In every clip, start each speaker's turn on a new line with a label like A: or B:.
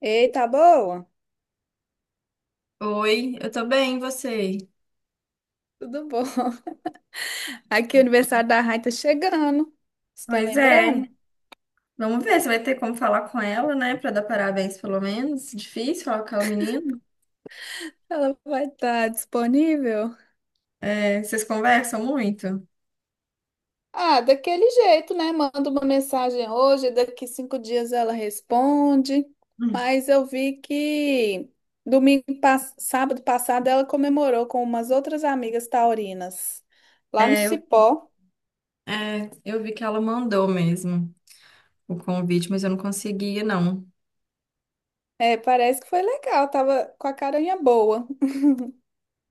A: Ei, tá boa?
B: Oi, eu tô bem, e você?
A: Tudo bom? Aqui o aniversário da Rai tá chegando. Você tá
B: Pois é.
A: lembrando?
B: Vamos ver se vai ter como falar com ela, né? Pra dar parabéns, pelo menos. Difícil falar com aquela menina.
A: Ela vai estar disponível?
B: É, vocês conversam muito?
A: Ah, daquele jeito, né? Manda uma mensagem hoje, daqui cinco dias ela responde.
B: Hum.
A: Mas eu vi que domingo, sábado passado ela comemorou com umas outras amigas taurinas lá no
B: É, eu-
A: Cipó.
B: É, eu vi que ela mandou mesmo o convite, mas eu não conseguia, não.
A: É, parece que foi legal, tava com a carinha boa.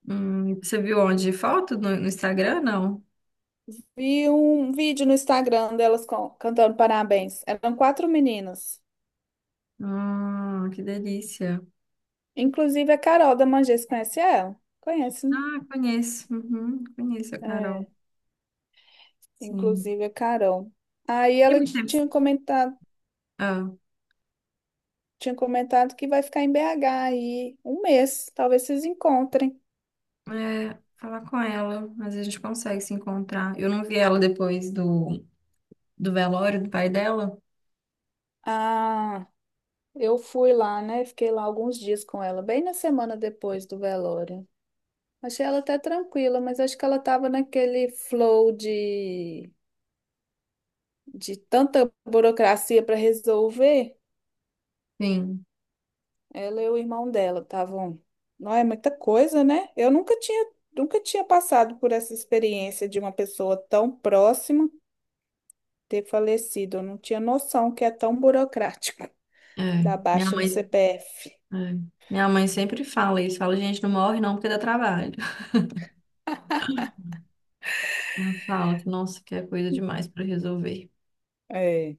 B: Você viu onde? Foto no Instagram, não?
A: Vi um vídeo no Instagram delas cantando parabéns. Eram quatro meninas.
B: Ah, que delícia.
A: Inclusive a Carol da Mangés, conhece ela? Conhece, né?
B: Ah, conheço. Uhum, conheço a Carol.
A: É,
B: Sim.
A: inclusive a Carol. Aí
B: Tem
A: ela
B: muito tempo. Ah.
A: tinha comentado que vai ficar em BH aí um mês. Talvez vocês encontrem.
B: É, falar com ela, mas a gente consegue se encontrar. Eu não vi ela depois do velório do pai dela.
A: Ah, eu fui lá, né? Fiquei lá alguns dias com ela, bem na semana depois do velório. Achei ela até tranquila, mas acho que ela tava naquele flow de tanta burocracia para resolver,
B: Sim,
A: ela e o irmão dela estavam. Não é muita coisa, né? Eu nunca tinha, nunca tinha passado por essa experiência de uma pessoa tão próxima ter falecido. Eu não tinha noção que é tão burocrático
B: é.
A: da
B: Minha
A: baixa no
B: mãe,
A: CPF.
B: é. Minha mãe sempre fala isso. Fala, gente, não morre não porque dá trabalho. Ela fala, nossa, que é coisa demais pra resolver.
A: É.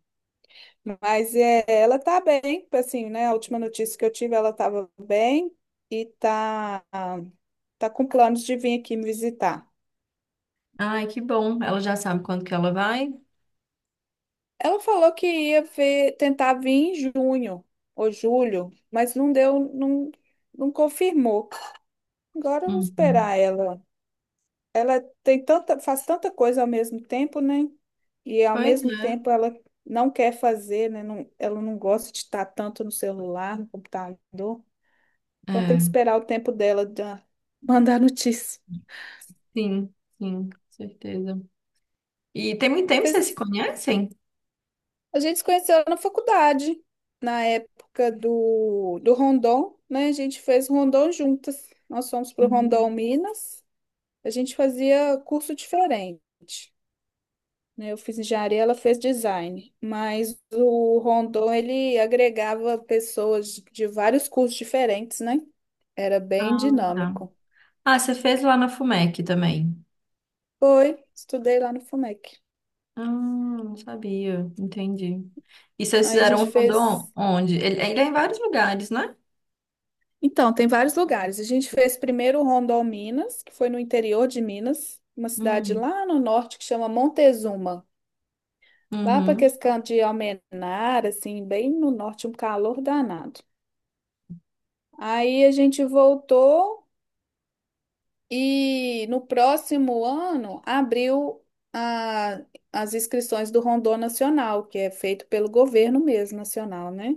A: Mas é, ela tá bem, assim, né? A última notícia que eu tive, ela estava bem e tá, tá com planos de vir aqui me visitar.
B: Ai, que bom. Ela já sabe quando que ela vai?
A: Ela falou que ia ver, tentar vir em junho ou julho, mas não deu, não, não confirmou. Agora eu vou
B: Uhum.
A: esperar ela. Faz tanta coisa ao mesmo tempo, né? E ao
B: Pois
A: mesmo
B: é.
A: tempo ela não quer fazer, né? Não, ela não gosta de estar tanto no celular, no computador. Então tem que
B: É,
A: esperar o tempo dela de mandar notícia.
B: sim, sim, com certeza. E tem muito tempo que vocês se conhecem?
A: A gente se conheceu na faculdade, na época do Rondon, né? A gente fez Rondon juntas. Nós fomos para o Rondon
B: Hum.
A: Minas. A gente fazia curso diferente, né? Eu fiz engenharia, ela fez design. Mas o Rondon, ele agregava pessoas de vários cursos diferentes, né? Era bem
B: Ah, tá.
A: dinâmico.
B: Ah, você fez lá na FUMEC também.
A: Foi, estudei lá no FUMEC.
B: Ah, não sabia. Entendi. E vocês
A: Aí a
B: fizeram
A: gente
B: um
A: fez.
B: rondon onde? Ele é em vários lugares, né?
A: Então, tem vários lugares. A gente fez primeiro Rondôminas, que foi no interior de Minas, uma cidade
B: Hum,
A: lá no norte que chama Montezuma. Lá para
B: uhum,
A: aquele canto de Almenara, assim, bem no norte, um calor danado. Aí a gente voltou e no próximo ano abriu a- as inscrições do Rondô Nacional, que é feito pelo governo mesmo, nacional, né?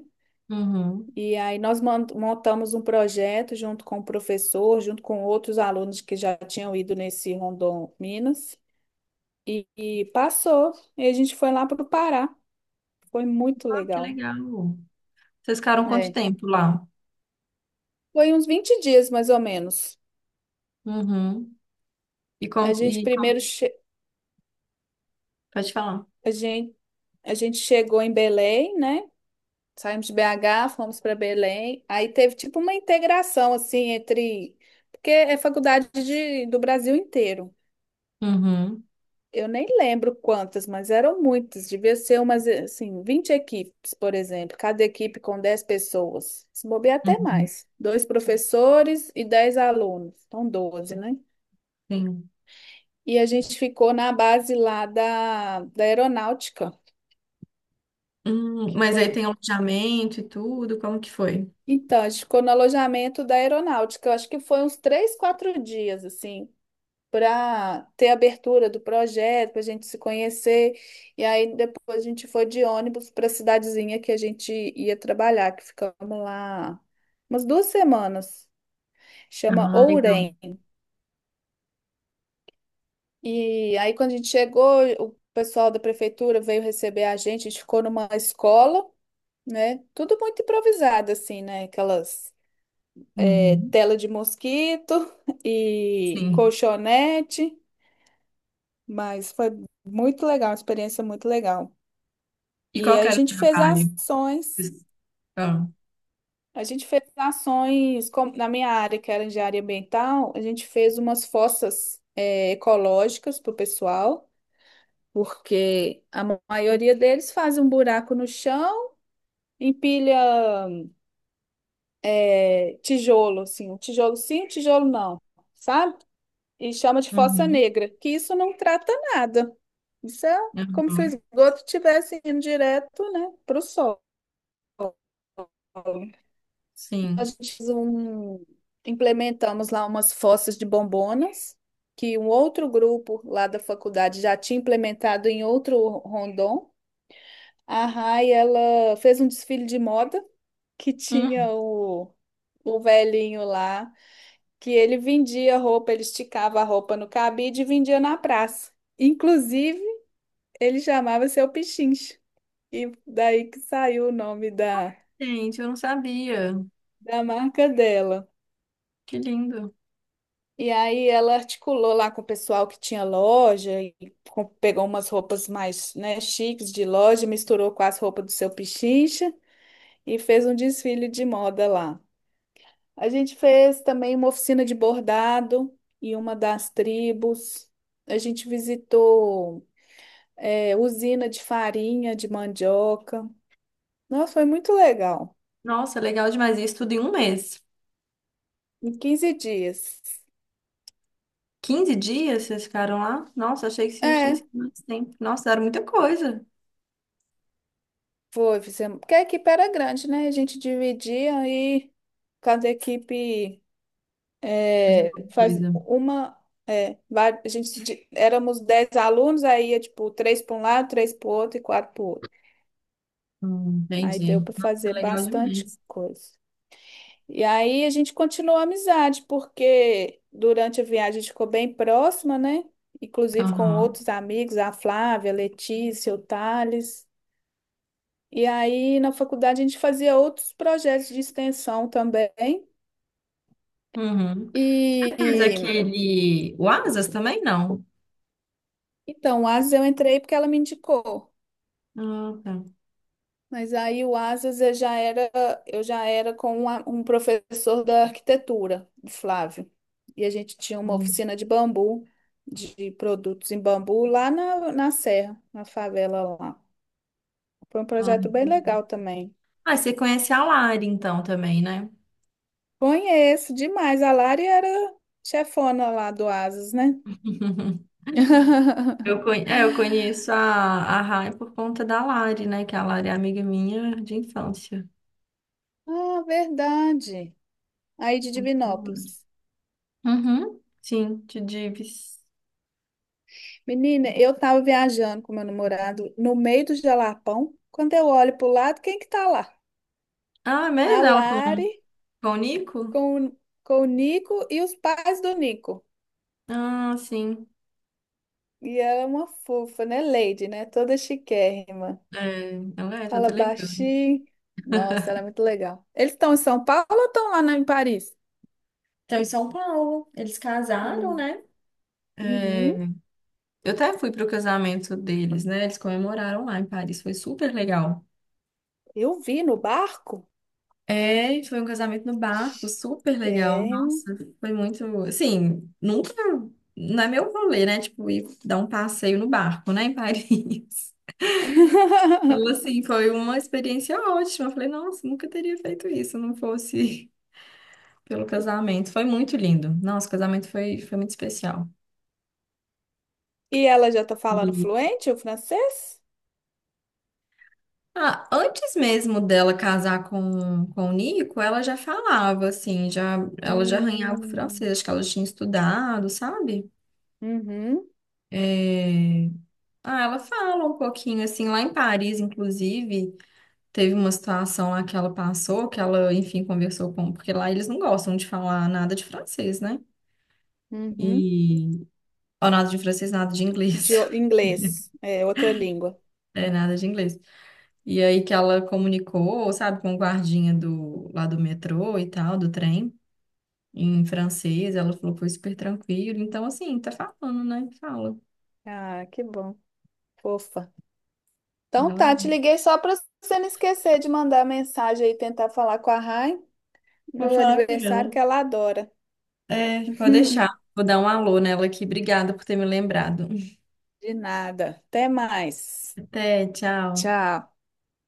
B: uhum.
A: E aí nós montamos um projeto junto com o professor, junto com outros alunos que já tinham ido nesse Rondon Minas, e passou. E a gente foi lá para o Pará. Foi muito
B: Ah, que
A: legal.
B: legal. Vocês ficaram quanto
A: É.
B: tempo lá?
A: Foi uns 20 dias, mais ou menos.
B: Uhum. E
A: A
B: como,
A: gente
B: e
A: primeiro
B: como,
A: che-
B: pode falar.
A: a gente, a gente chegou em Belém, né? Saímos de BH, fomos para Belém. Aí teve tipo uma integração assim entre porque é faculdade do Brasil inteiro.
B: Uhum,
A: Eu nem lembro quantas, mas eram muitas. Devia ser umas, assim, 20 equipes, por exemplo. Cada equipe com 10 pessoas. Se bobear até
B: uhum,
A: mais. Dois professores e 10 alunos. Então, 12, né?
B: sim.
A: E a gente ficou na base lá da aeronáutica, que
B: Mas aí
A: foi...
B: tem alojamento e tudo, como que foi?
A: Então, a gente ficou no alojamento da aeronáutica. Eu acho que foi uns três, quatro dias, assim. Para ter abertura do projeto, para a gente se conhecer. E aí depois a gente foi de ônibus para a cidadezinha que a gente ia trabalhar, que ficamos lá umas duas semanas. Chama
B: Ah, legal.
A: Ourém. E aí quando a gente chegou, o pessoal da prefeitura veio receber a gente ficou numa escola, né? Tudo muito improvisado assim, né? Aquelas é,
B: Uhum,
A: tela de mosquito e
B: sim.
A: colchonete, mas foi muito legal, uma experiência muito legal.
B: E
A: E
B: qual que
A: aí a
B: era o
A: gente fez
B: trabalho?
A: ações,
B: Ah,
A: a gente fez ações como na minha área, que era engenharia ambiental, a gente fez umas fossas ecológicas para o pessoal, porque a maioria deles faz um buraco no chão, empilha tijolo, assim, um tijolo sim, um tijolo não, sabe? E chama de fossa
B: uhum,
A: negra, que isso não trata nada. Isso é como se o
B: uhum,
A: esgoto estivesse indo direto, né, para o solo. A
B: sim.
A: gente fez um, implementamos lá umas fossas de bombonas, que um outro grupo lá da faculdade já tinha implementado em outro rondon. A Rai, ela fez um desfile de moda que
B: Hum,
A: tinha o velhinho lá, que ele vendia roupa, ele esticava a roupa no cabide e vendia na praça. Inclusive, ele chamava Seu Pichincha. E daí que saiu o nome
B: gente, eu não sabia.
A: da marca dela.
B: Que lindo.
A: E aí ela articulou lá com o pessoal que tinha loja e pegou umas roupas mais, né, chiques de loja, misturou com as roupas do seu Pichincha e fez um desfile de moda lá. A gente fez também uma oficina de bordado e uma das tribos. A gente visitou, é, usina de farinha de mandioca. Nossa, foi muito legal.
B: Nossa, legal demais. Isso tudo em um mês.
A: Em 15 dias.
B: 15 dias vocês ficaram lá? Nossa, achei que vocês tinham
A: É.
B: sido mais tempo. Nossa, era muita coisa.
A: Foi, fizemos. Porque a equipe era grande, né? A gente dividia e cada equipe
B: Fazer
A: é,
B: alguma
A: faz
B: coisa.
A: uma. Éramos 10 alunos, aí ia tipo três para um lado, três para o outro e quatro para o outro. Aí deu
B: Entendi.
A: para
B: Nossa,
A: fazer
B: legal
A: bastante
B: demais.
A: coisa. E aí a gente continuou a amizade, porque durante a viagem a gente ficou bem próxima, né? Inclusive com
B: Aham.
A: outros amigos, a Flávia, a Letícia, o Thales. E aí, na faculdade, a gente fazia outros projetos de extensão também.
B: Uhum.
A: E
B: Você fez
A: e,
B: aquele. O Asas também não?
A: então, o Asas eu entrei porque ela me indicou.
B: Ah, tá.
A: Mas aí o Asas eu já era com um professor da arquitetura, o Flávio. E a gente tinha uma
B: Hum.
A: oficina de bambu, de produtos em bambu, lá na Serra, na favela lá. Foi um
B: Ah,
A: projeto bem
B: entendi.
A: legal também.
B: Ah, você conhece a Lari então também, né?
A: Conheço demais. A Lari era chefona lá do Asas, né?
B: Eu conheço a Rai por conta da Lari, né? Que a Lari é amiga minha de infância.
A: Ah, verdade. Aí de Divinópolis.
B: Uhum, sim, de Dives.
A: Menina, eu tava viajando com meu namorado no meio do Jalapão. Quando eu olho pro lado, quem que tá lá?
B: Ah, é
A: A
B: mesmo
A: Lari
B: com o Nico?
A: com, o- com o Nico e os pais do Nico.
B: Ah, sim.
A: E ela é uma fofa, né? Lady, né? Toda chiquérrima.
B: É, ela é toda
A: Fala
B: elegante.
A: baixinho. Nossa, ela é muito legal. Eles estão em São Paulo ou estão lá em Paris?
B: Então, em São Paulo, eles casaram,
A: Hum,
B: né? É,
A: uhum.
B: eu até fui pro casamento deles, né? Eles comemoraram lá em Paris, foi super legal.
A: Eu vi no barco.
B: É, e foi um casamento no barco, super legal.
A: Chiquérrima.
B: Nossa, foi muito, assim, nunca, não é meu rolê, né? Tipo, ir dar um passeio no barco, né, em Paris. Então, assim, foi uma experiência ótima. Eu falei, nossa, nunca teria feito isso se não fosse pelo casamento. Foi muito lindo. Nossa, o casamento foi muito especial.
A: E ela já tá falando
B: E,
A: fluente o francês?
B: antes mesmo dela casar com o Nico, ela já falava, assim, já, ela já arranhava o francês,
A: Hum,
B: acho que ela tinha estudado, sabe?
A: uhum,
B: É, ah, ela fala um pouquinho, assim, lá em Paris, inclusive, teve uma situação lá que ela passou, que ela, enfim, conversou com... Porque lá eles não gostam de falar nada de francês, né?
A: uhum.
B: E ó, nada de francês, nada de inglês.
A: Inglês, é outra língua.
B: É, nada de inglês. E aí que ela comunicou, sabe, com o guardinha do, lá do metrô e tal, do trem, em francês. Ela falou que foi super tranquilo. Então, assim, tá falando, né? Fala.
A: Ah, que bom, fofa. Então
B: Ela-
A: tá, te liguei só para você não esquecer de mandar mensagem aí, tentar falar com a Rai
B: Vou
A: no
B: falar com
A: aniversário
B: ela.
A: que ela adora.
B: É, pode deixar. Vou dar um alô nela aqui. Obrigada por ter me lembrado.
A: De nada. Até mais.
B: Até, tchau.
A: Tchau.